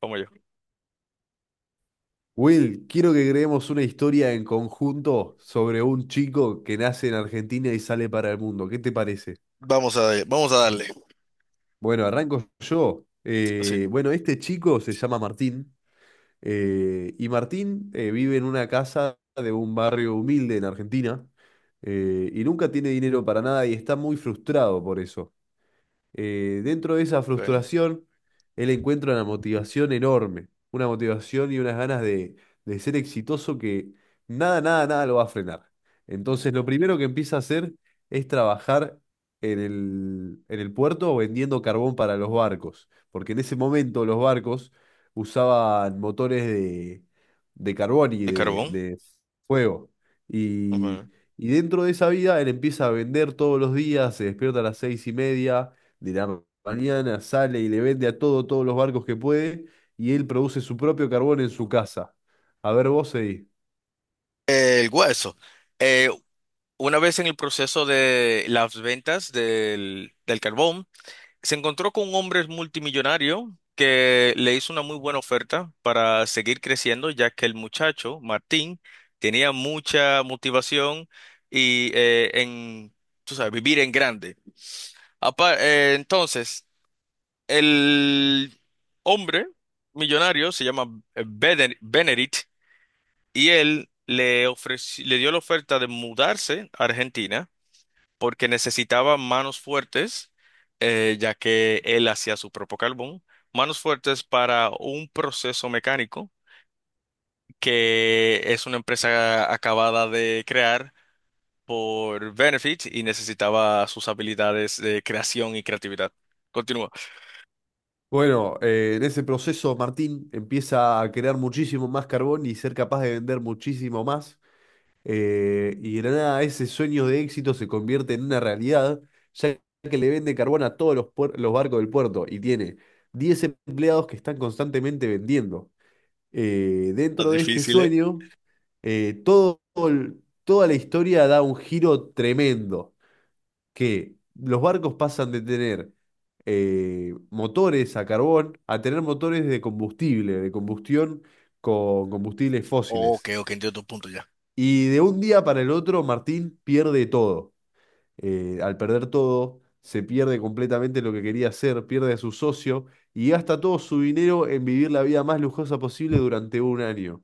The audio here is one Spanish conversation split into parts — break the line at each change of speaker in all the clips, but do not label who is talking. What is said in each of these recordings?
Como yo.
Will, quiero que creemos una historia en conjunto sobre un chico que nace en Argentina y sale para el mundo. ¿Qué te parece?
Vamos a darle.
Bueno, arranco yo.
Así.
Bueno, este chico se llama Martín, y Martín vive en una casa de un barrio humilde en Argentina, y nunca tiene dinero para nada y está muy frustrado por eso. Dentro de esa
Ok.
frustración, él encuentra una motivación enorme, una motivación y unas ganas de ser exitoso que nada, nada, nada lo va a frenar. Entonces, lo primero que empieza a hacer es trabajar en el puerto vendiendo carbón para los barcos, porque en ese momento los barcos usaban motores de carbón y
El carbón.
de fuego. Y,
Ok.
y dentro de esa vida, él empieza a vender todos los días, se despierta a las 6:30 de la mañana, sale y le vende a todo, todos los barcos que puede, y él produce su propio carbón en su casa. A ver, vos seguí.
El hueso. Eh, una vez en el proceso de las ventas del carbón, se encontró con un hombre multimillonario que le hizo una muy buena oferta para seguir creciendo, ya que el muchacho, Martín, tenía mucha motivación y tú sabes, vivir en grande. Entonces, el hombre millonario se llama Benedict y él le dio la oferta de mudarse a Argentina porque necesitaba manos fuertes, ya que él hacía su propio carbón, manos fuertes para un proceso mecánico que es una empresa acabada de crear por Benefit y necesitaba sus habilidades de creación y creatividad. Continúa.
Bueno, en ese proceso Martín empieza a crear muchísimo más carbón y ser capaz de vender muchísimo más. Y de la nada ese sueño de éxito se convierte en una realidad, ya que le vende carbón a todos los, los barcos del puerto y tiene 10 empleados que están constantemente vendiendo.
Está
Dentro de este
difícil, ¿eh?
sueño, todo toda la historia da un giro tremendo, que los barcos pasan de tener motores a carbón a tener motores de combustible, de combustión con combustibles
Ok,
fósiles.
ok, entiendo tu punto ya.
Y de un día para el otro, Martín pierde todo. Al perder todo, se pierde completamente lo que quería hacer, pierde a su socio y gasta todo su dinero en vivir la vida más lujosa posible durante un año.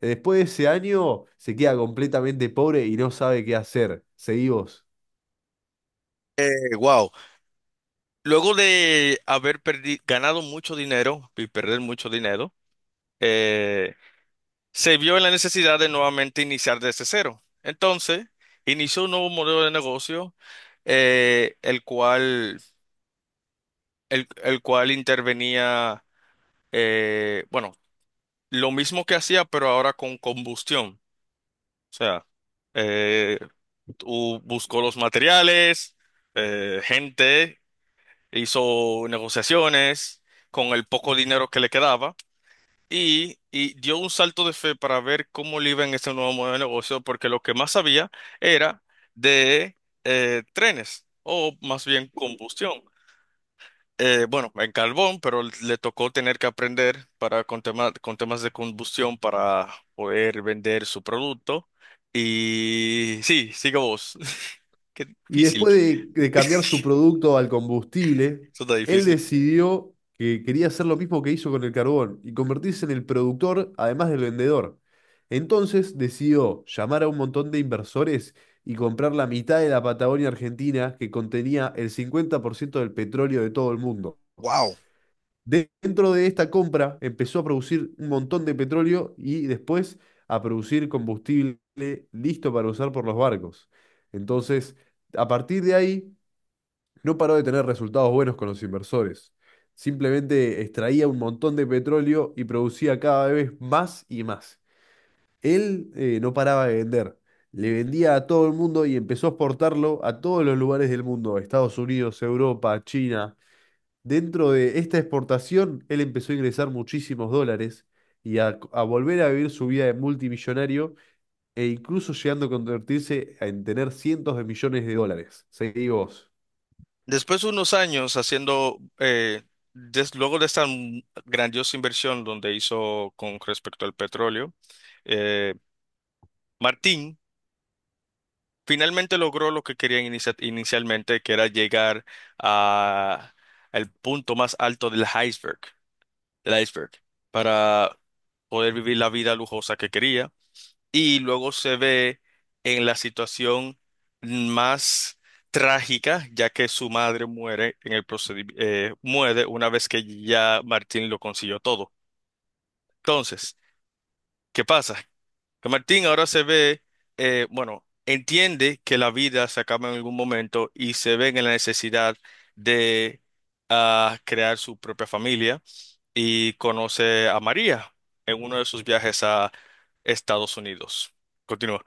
Después de ese año se queda completamente pobre y no sabe qué hacer. Seguí vos.
Wow. Luego de haber ganado mucho dinero y perder mucho dinero, eh, se vio en la necesidad de nuevamente iniciar desde cero. Entonces, inició un nuevo modelo de negocio, eh, el cual, el cual intervenía, bueno, lo mismo que hacía, pero ahora con combustión. O sea, eh, tú buscó los materiales, gente. Hizo negociaciones con el poco dinero que le quedaba y dio un salto de fe para ver cómo le iba en ese nuevo modelo de negocio, porque lo que más sabía era de trenes o más bien combustión. Bueno, en carbón, pero le tocó tener que aprender para con temas de combustión para poder vender su producto. Y sí, sigo vos. Qué
Y
difícil,
después de cambiar su producto al combustible,
eso está
él
difícil.
decidió que quería hacer lo mismo que hizo con el carbón y convertirse en el productor además del vendedor. Entonces decidió llamar a un montón de inversores y comprar la mitad de la Patagonia Argentina, que contenía el 50% del petróleo de todo el mundo.
Wow.
Dentro de esta compra empezó a producir un montón de petróleo y después a producir combustible listo para usar por los barcos. Entonces, a partir de ahí, no paró de tener resultados buenos con los inversores. Simplemente extraía un montón de petróleo y producía cada vez más y más. Él no paraba de vender. Le vendía a todo el mundo y empezó a exportarlo a todos los lugares del mundo: Estados Unidos, Europa, China. Dentro de esta exportación, él empezó a ingresar muchísimos dólares y a volver a vivir su vida de multimillonario e incluso llegando a convertirse en tener cientos de millones de dólares. Seguí vos.
Después de unos años haciendo, luego de esta grandiosa inversión donde hizo con respecto al petróleo, eh, Martín finalmente logró lo que quería inicialmente, que era llegar a el punto más alto del iceberg, del iceberg, para poder vivir la vida lujosa que quería y luego se ve en la situación más trágica, ya que su madre muere en el procedimiento, muere una vez que ya Martín lo consiguió todo. Entonces, ¿qué pasa? Que Martín ahora se ve, bueno, entiende que la vida se acaba en algún momento y se ve en la necesidad de ah, crear su propia familia y conoce a María en uno de sus viajes a Estados Unidos. Continúa.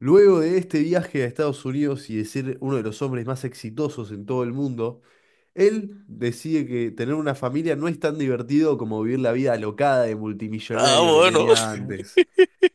Luego de este viaje a Estados Unidos y de ser uno de los hombres más exitosos en todo el mundo, él decide que tener una familia no es tan divertido como vivir la vida alocada de
Ah,
multimillonario que
bueno.
tenía antes.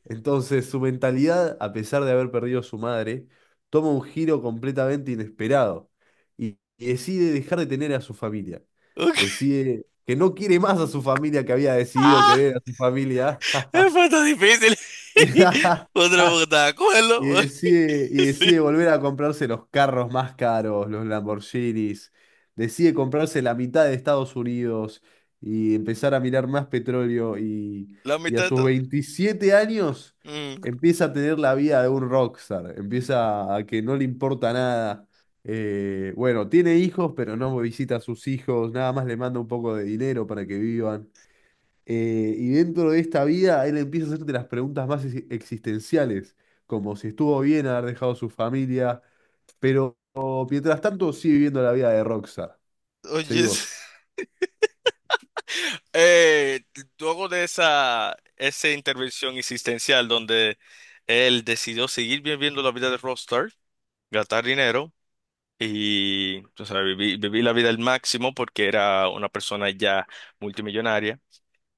Entonces, su mentalidad, a pesar de haber perdido a su madre, toma un giro completamente inesperado y decide dejar de tener a su familia.
Ok.
Decide que no quiere más a su familia que había decidido
Ah,
querer a su familia.
fue tan difícil. Otra porque estaba de
Y
acuerdo.
y
Sí,
decide volver a comprarse los carros más caros, los Lamborghinis. Decide comprarse la mitad de Estados Unidos y empezar a mirar más petróleo.
la
Y a
mitad de
sus
todo.
27 años
Mm,
empieza a tener la vida de un rockstar. Empieza a que no le importa nada. Bueno, tiene hijos, pero no visita a sus hijos. Nada más le manda un poco de dinero para que vivan. Y dentro de esta vida, él empieza a hacerte las preguntas más existenciales, como si estuvo bien haber dejado su familia, pero mientras tanto sigue viviendo la vida de Rockstar.
oye,
Seguimos.
eh, luego de esa intervención existencial donde él decidió seguir viviendo la vida de rockstar, gastar dinero y o sea, vivir la vida al máximo porque era una persona ya multimillonaria,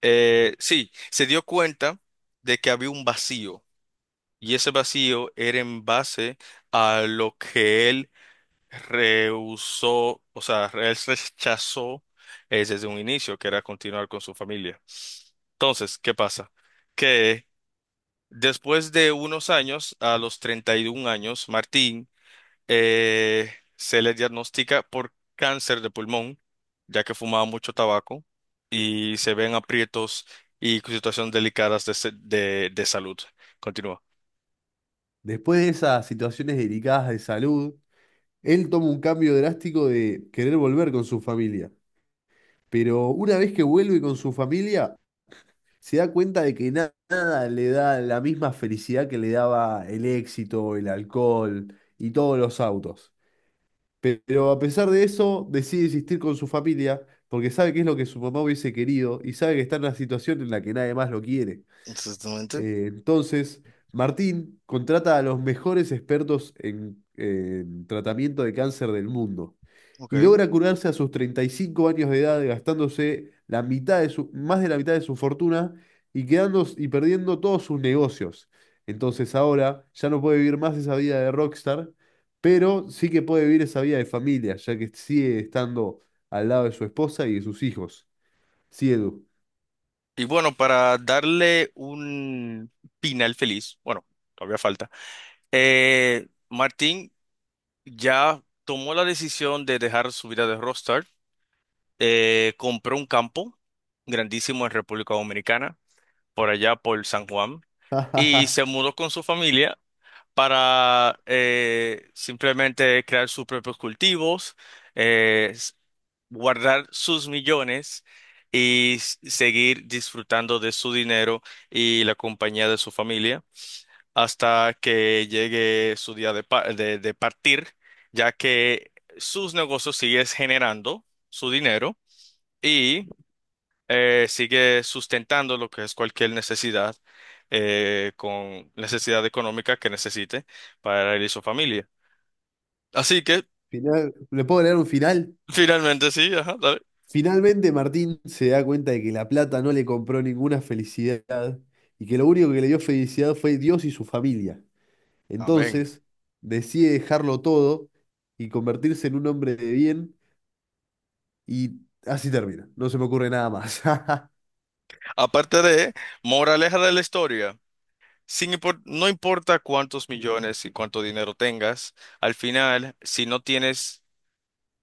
sí, se dio cuenta de que había un vacío. Y ese vacío era en base a lo que él rehusó, o sea, él rechazó desde un inicio, que era continuar con su familia. Entonces, ¿qué pasa? Que después de unos años, a los 31 años, Martín se le diagnostica por cáncer de pulmón, ya que fumaba mucho tabaco y se ven aprietos y situaciones delicadas de, se- de salud. Continúa.
Después de esas situaciones delicadas de salud, él toma un cambio drástico de querer volver con su familia. Pero una vez que vuelve con su familia, se da cuenta de que nada le da la misma felicidad que le daba el éxito, el alcohol y todos los autos. Pero a pesar de eso, decide existir con su familia porque sabe que es lo que su mamá hubiese querido y sabe que está en una situación en la que nadie más lo quiere.
Exactamente.
Entonces, Martín contrata a los mejores expertos en tratamiento de cáncer del mundo
Ok.
y logra curarse a sus 35 años de edad, gastándose la mitad de su, más de la mitad de su fortuna y quedando y perdiendo todos sus negocios. Entonces ahora ya no puede vivir más esa vida de rockstar, pero sí que puede vivir esa vida de familia, ya que sigue estando al lado de su esposa y de sus hijos. Sí, Edu.
Y bueno, para darle un final feliz, bueno, todavía falta, Martín ya tomó la decisión de dejar su vida de rockstar, compró un campo grandísimo en República Dominicana, por allá por San Juan, y se mudó con su familia para simplemente crear sus propios cultivos, eh, s- guardar sus millones y seguir disfrutando de su dinero y la compañía de su familia hasta que llegue su día de, de partir, ya que sus negocios siguen generando su dinero. Y sigue sustentando lo que es cualquier necesidad, con necesidad económica que necesite para él y su familia. Así que,
Final, ¿le puedo leer un final?
finalmente sí, ajá, dale.
Finalmente Martín se da cuenta de que la plata no le compró ninguna felicidad y que lo único que le dio felicidad fue Dios y su familia.
Amén.
Entonces decide dejarlo todo y convertirse en un hombre de bien, y así termina. No se me ocurre nada más.
Aparte de, moraleja de la historia, sin impor- no importa cuántos millones y cuánto dinero tengas, al final, si no tienes,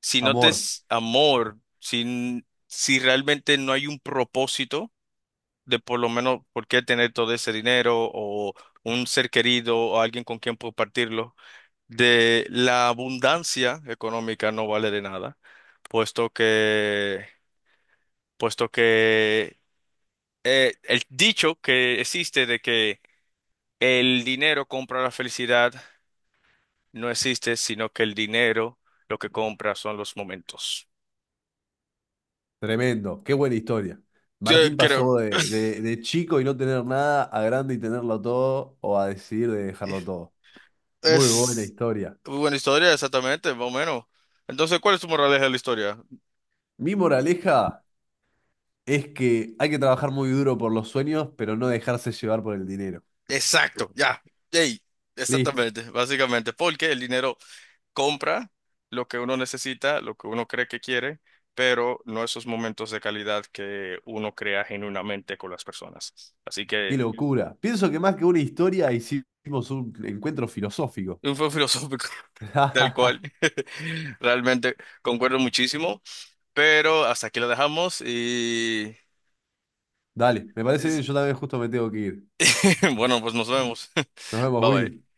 si no te
Amor,
es amor, si realmente no hay un propósito, de por lo menos por qué tener todo ese dinero o un ser querido o alguien con quien compartirlo, de la abundancia económica no vale de nada, puesto que, puesto que el dicho que existe de que el dinero compra la felicidad no existe, sino que el dinero lo que compra son los momentos.
tremendo, qué buena historia.
Yo
Martín
creo
pasó de chico y no tener nada a grande y tenerlo todo, o a decidir de dejarlo todo. Muy buena
es
historia.
muy buena historia, exactamente, más o menos. Entonces, ¿cuál es tu moraleja de la historia?
Mi moraleja es que hay que trabajar muy duro por los sueños, pero no dejarse llevar por el dinero.
Exacto, ya. Ey,
Listo,
exactamente, básicamente, porque el dinero compra lo que uno necesita, lo que uno cree que quiere, pero no esos momentos de calidad que uno crea genuinamente con las personas. Así
qué
que,
locura. Pienso que más que una historia hicimos un encuentro filosófico.
un fue filosófico, tal cual. Realmente concuerdo muchísimo, pero hasta aquí lo dejamos y
Dale, me parece bien, yo también justo me tengo que ir.
bueno, pues nos vemos.
Nos vemos,
Bye
Will.
bye.